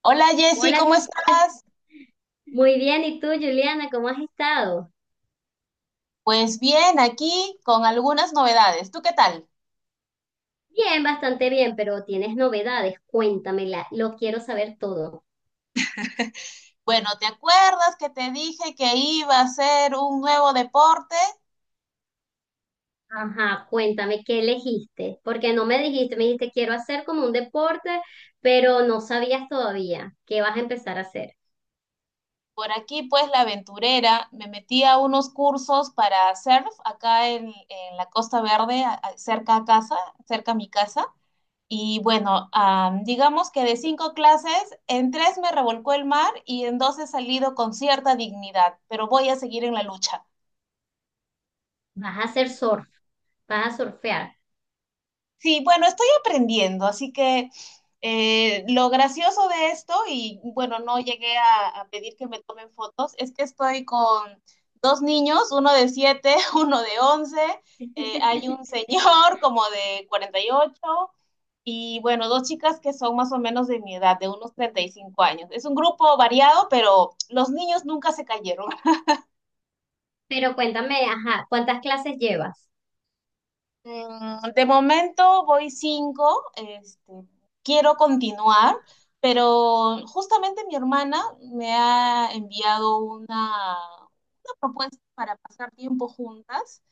Hola, Jessy, Hola, ¿cómo estás? muy bien. ¿Y tú, Juliana, cómo has estado? Pues bien, aquí con algunas novedades. ¿Tú qué tal? Bien, bastante bien, pero tienes novedades. Cuéntamela, lo quiero saber todo. Bueno, ¿te acuerdas que te dije que iba a hacer un nuevo deporte? Ajá, cuéntame qué elegiste, porque no me dijiste, me dijiste quiero hacer como un deporte, pero no sabías todavía qué vas a empezar a hacer. Por aquí, pues, la aventurera, me metí a unos cursos para surf acá en la Costa Verde, cerca a casa, cerca a mi casa. Y bueno, digamos que de cinco clases, en tres me revolcó el mar y en dos he salido con cierta dignidad, pero voy a seguir en la lucha. Vas a hacer surf, vas a surfear. Sí, bueno, estoy aprendiendo, así que lo gracioso de esto, y bueno, no llegué a pedir que me tomen fotos, es que estoy con dos niños, uno de 7, uno de 11, hay un señor como de 48 y bueno, dos chicas que son más o menos de mi edad, de unos 35 años. Es un grupo variado, pero los niños nunca se cayeron. Pero cuéntame, ajá, ¿cuántas clases llevas? De momento voy cinco, este, quiero continuar, pero justamente mi hermana me ha enviado una propuesta para pasar tiempo juntas,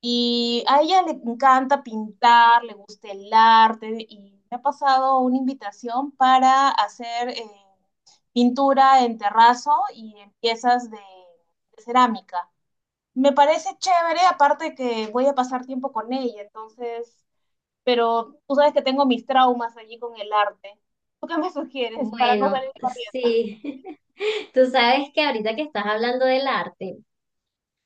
y a ella le encanta pintar, le gusta el arte y me ha pasado una invitación para hacer pintura en terrazo y en piezas de cerámica. Me parece chévere, aparte que voy a pasar tiempo con ella, entonces, pero tú sabes que tengo mis traumas allí con el arte. ¿Tú qué me sugieres para no Bueno, salir corriendo? sí. Tú sabes que ahorita que estás hablando del arte.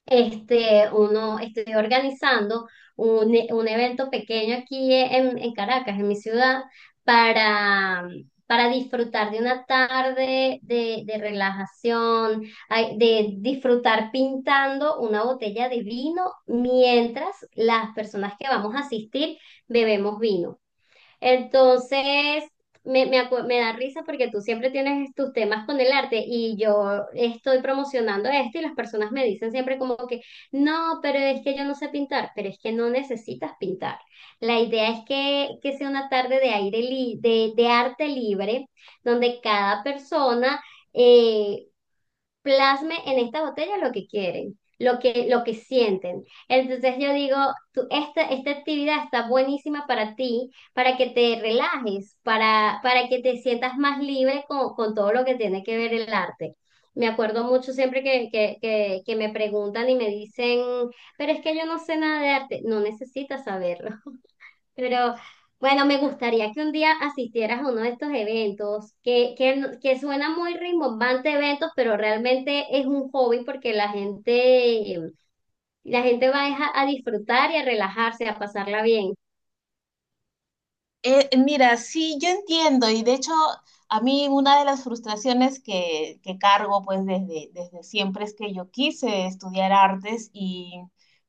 Este, uno, estoy organizando un evento pequeño aquí en Caracas, en mi ciudad, para, para disfrutar de una tarde de relajación, ay, de disfrutar pintando una botella de vino mientras las personas que vamos a asistir bebemos vino. Entonces, me da risa porque tú siempre tienes tus temas con el arte y yo estoy promocionando esto y las personas me dicen siempre como que, no, pero es que yo no sé pintar, pero es que no necesitas pintar. La idea es que sea una tarde de de arte libre, donde cada eh, plasme en esta botella lo que quieren, lo que sienten. Entonces yo digo, esta actividad está buenísima para ti, para que te relajes, para que te sientas más libre con todo lo que tiene que ver el arte. Me acuerdo mucho siempre que me preguntan y me dicen, pero es que yo no sé nada de arte. No necesitas saberlo. Pero bueno, me gustaría que un día asistieras a uno de estos eventos, que, no- que suena muy rimbombante eventos, pero realmente es un hobby porque la gente va es a disfrutar y a relajarse, a pasarla bien. Mira, sí, yo entiendo, y de hecho, a mí una de las frustraciones que cargo pues desde siempre es que yo quise estudiar artes y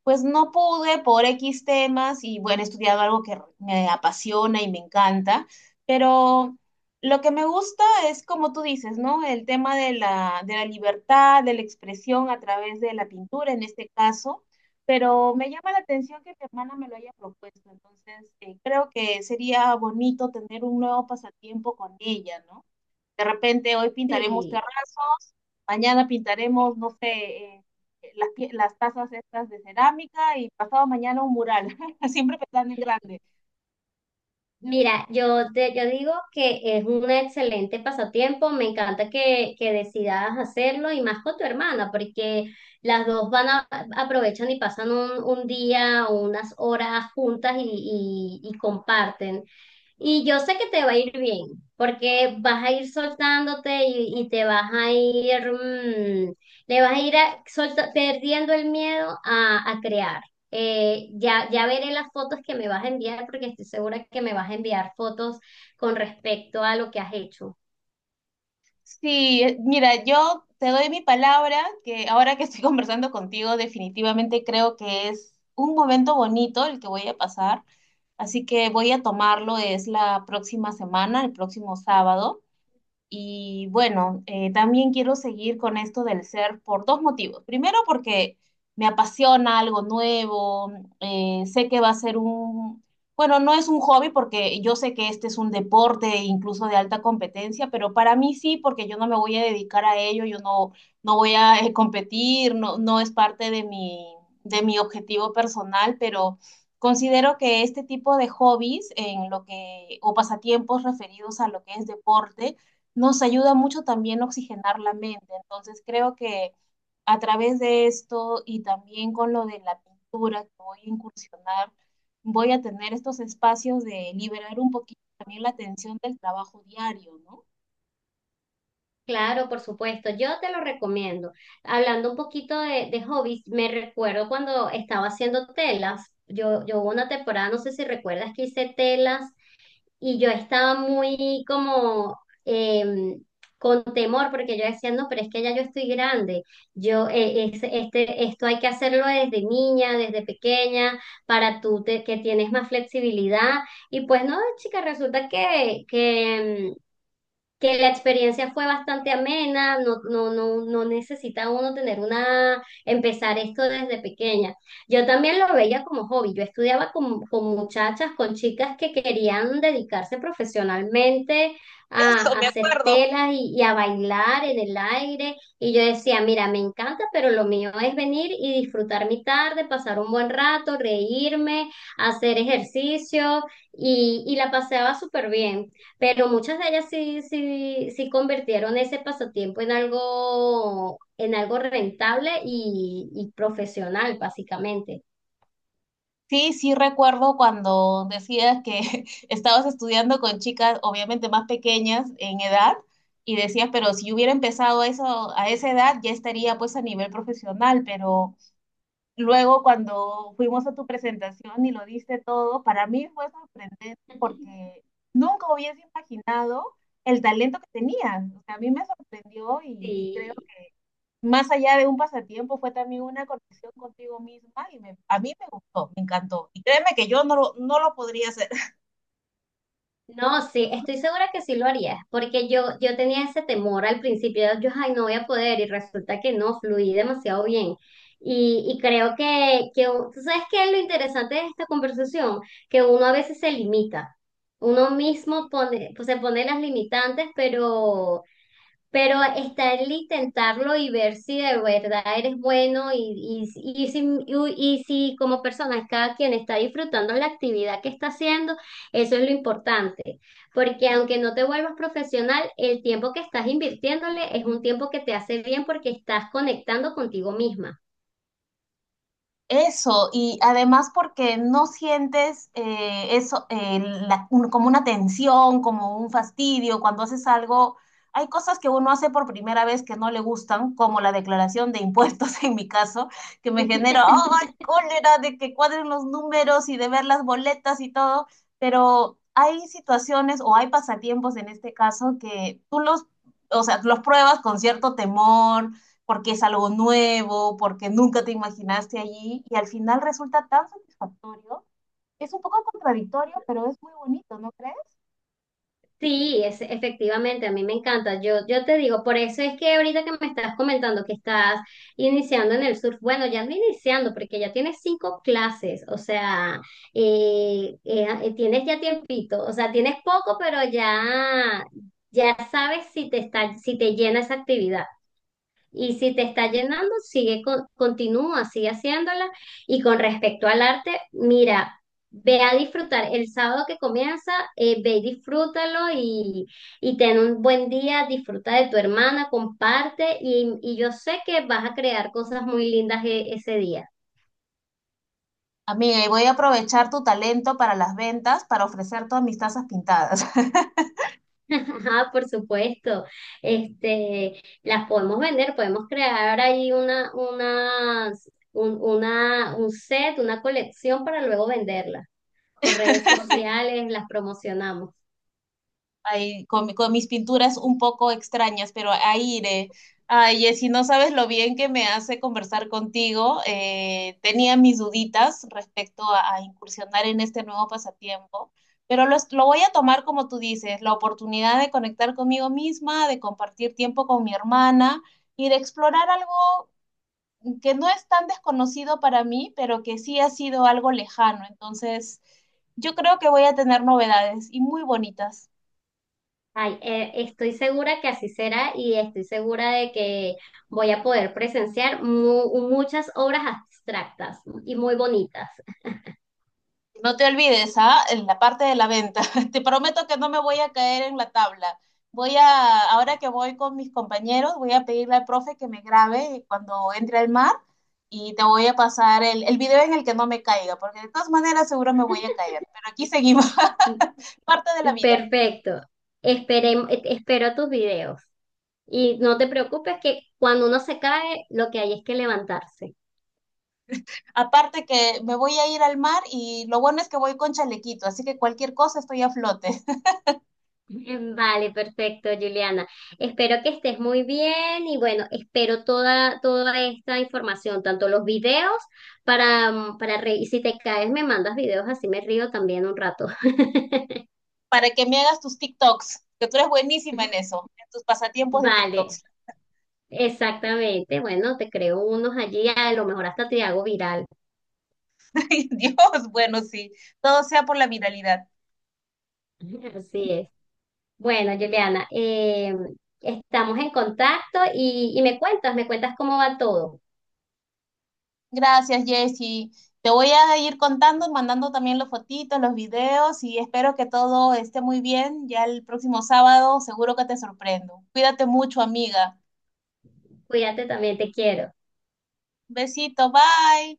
pues no pude por X temas, y bueno, he estudiado algo que me apasiona y me encanta, pero lo que me gusta es como tú dices, ¿no? El tema de la libertad, de la expresión a través de la pintura en este caso. Pero me llama la atención que mi hermana me lo haya propuesto, entonces creo que sería bonito tener un nuevo pasatiempo con ella, ¿no? De repente hoy pintaremos Sí. terrazos, mañana pintaremos, no sé, eh, las tazas estas de cerámica, y pasado mañana un mural, siempre pensando en grande. Mira, yo te yo digo que es un excelente pasatiempo, me encanta que decidas hacerlo y más con tu hermana, porque las dos van a aprovechan y pasan un día o unas horas juntas y y comparten. Y yo sé que te va a ir bien, porque vas a ir soltándote y te vas a ir, le vas a ir perdiendo el miedo a crear. Ya ya veré las fotos que me vas a enviar porque estoy segura que me vas a enviar fotos con respecto a lo que has hecho. Sí, mira, yo te doy mi palabra que ahora que estoy conversando contigo, definitivamente creo que es un momento bonito el que voy a pasar, así que voy a tomarlo, es la próxima semana, el próximo sábado. Y bueno, también quiero seguir con esto del surf por dos motivos. Primero, porque me apasiona algo nuevo, sé que va a ser bueno, no es un hobby porque yo sé que este es un deporte incluso de alta competencia, pero para mí sí, porque yo no me voy a dedicar a ello, yo no voy a competir. No, no es parte de mi objetivo personal, pero considero que este tipo de hobbies en lo que, o pasatiempos referidos a lo que es deporte, nos ayuda mucho también a oxigenar la mente. Entonces creo que a través de esto, y también con lo de la pintura que voy a incursionar, voy a tener estos espacios de liberar un poquito también la tensión del trabajo diario, ¿no? Claro, por supuesto, yo te lo recomiendo. Hablando un poquito de hobbies, me recuerdo cuando estaba haciendo telas. Yo hubo una temporada, no sé si recuerdas que hice telas. Y yo estaba muy como em, con temor porque yo decía, no, pero es que ya yo estoy grande, esto hay que hacerlo desde niña, desde pequeña, para que tienes más flexibilidad. Y pues no, chica, resulta que que la experiencia fue bastante amena, no, no, no, no necesita uno tener una, empezar esto desde pequeña. Yo también lo veía como hobby, yo estudiaba con muchachas, con chicas que querían dedicarse profesionalmente Eso, a me hacer acuerdo. telas y a bailar en el aire, y yo decía, mira, me encanta, pero lo mío es venir y disfrutar mi tarde, pasar un buen rato, reírme, hacer ejercicio, y la paseaba súper bien. Pero muchas de ellas sí, sí, sí convirtieron ese pasatiempo en algo rentable y profesional, básicamente. Sí, sí recuerdo cuando decías que estabas estudiando con chicas obviamente más pequeñas en edad y decías, pero si yo hubiera empezado eso a esa edad ya estaría pues a nivel profesional, pero luego cuando fuimos a tu presentación y lo diste todo, para mí fue sorprendente porque nunca hubiese imaginado el talento que tenías. O sea, a mí me sorprendió, y, creo Sí. que más allá de un pasatiempo fue también una conexión contigo misma, y a mí me gustó, me encantó. Y créeme que yo no lo podría hacer. No, sí, estoy segura que sí lo harías, porque yo tenía ese temor al principio, yo, ay, no voy a poder, y resulta que no, fluí demasiado bien. Y creo que ¿tú sabes qué es lo interesante de esta conversación? Que uno a veces se limita, uno mismo pone, pues, se pone las limitantes, pero está el intentarlo y ver si de verdad eres bueno y y si como persona cada quien está disfrutando la actividad que está haciendo, eso es lo importante. Porque aunque no te vuelvas profesional, el tiempo que estás invirtiéndole es un tiempo que te hace bien porque estás conectando contigo misma. Eso, y además porque no sientes eso, como una tensión, como un fastidio cuando haces algo. Hay cosas que uno hace por primera vez que no le gustan, como la declaración de impuestos en mi caso, que me genera ¡ay!, cólera de que cuadren los números y de ver las boletas y todo. Pero hay situaciones o hay pasatiempos en este caso que tú o sea, los pruebas con cierto temor, porque es algo nuevo, porque nunca te imaginaste allí, y al final resulta tan satisfactorio. Es un poco contradictorio, pero es muy bonito, ¿no crees? Sí, es, efectivamente, a mí me encanta. Yo te digo, por eso es que ahorita que me estás comentando que estás iniciando en el surf, bueno, ya no iniciando, porque ya tienes cinco clases, o sea, tienes ya tiempito, o sea, tienes poco, pero ya sabes si te si te llena esa actividad. Y si te está llenando, sigue, continúa, sigue haciéndola. Y con respecto al arte, mira, ve a disfrutar el sábado que comienza, ve y disfrútalo y ten un buen día, disfruta de tu hermana, comparte y yo sé que vas a crear cosas muy lindas ese día. Amiga, y voy a aprovechar tu talento para las ventas para ofrecer todas mis tazas pintadas. Ajá, por supuesto. Este, las podemos vender, podemos crear ahí una, unas- un, una, un set, una colección para luego venderla por redes sociales, las promocionamos. Ahí con mis pinturas un poco extrañas, pero ahí iré. Ay, Jessy, no sabes lo bien que me hace conversar contigo. Tenía mis duditas respecto a incursionar en este nuevo pasatiempo, pero lo voy a tomar como tú dices, la oportunidad de conectar conmigo misma, de compartir tiempo con mi hermana y de explorar algo que no es tan desconocido para mí, pero que sí ha sido algo lejano. Entonces, yo creo que voy a tener novedades y muy bonitas. Ay, estoy segura que así será y estoy segura de que voy a poder presenciar muchas obras abstractas y muy bonitas. No te olvides, ¿ah? En la parte de la venta. Te prometo que no me voy a caer en la tabla. Voy a, ahora que voy con mis compañeros, voy a pedirle al profe que me grabe cuando entre al mar, y te voy a pasar el video en el que no me caiga, porque de todas maneras seguro me voy a caer. Pero aquí seguimos, parte de la vida. Perfecto. Espero tus videos. Y no te preocupes que cuando uno se cae, lo que hay es que levantarse. Aparte que me voy a ir al mar, y lo bueno es que voy con chalequito, así que cualquier cosa estoy a flote. Vale, perfecto, Juliana. Espero que estés muy bien y bueno, espero toda esta información, tanto los videos para, para reír. Si te caes, me mandas videos, así me río también un rato. Para que me hagas tus TikToks, que tú eres buenísima en eso, en tus pasatiempos de Vale, TikToks. exactamente. Bueno, te creo unos allí, a lo mejor hasta te hago viral. Ay, Dios, bueno, sí, todo sea por la viralidad. Así es. Bueno, Juliana, estamos en contacto y me cuentas cómo va todo. Gracias, Jessy. Te voy a ir contando, mandando también los fotitos, los videos, y espero que todo esté muy bien. Ya el próximo sábado seguro que te sorprendo. Cuídate mucho, amiga. Cuídate también, te quiero. Besito, bye.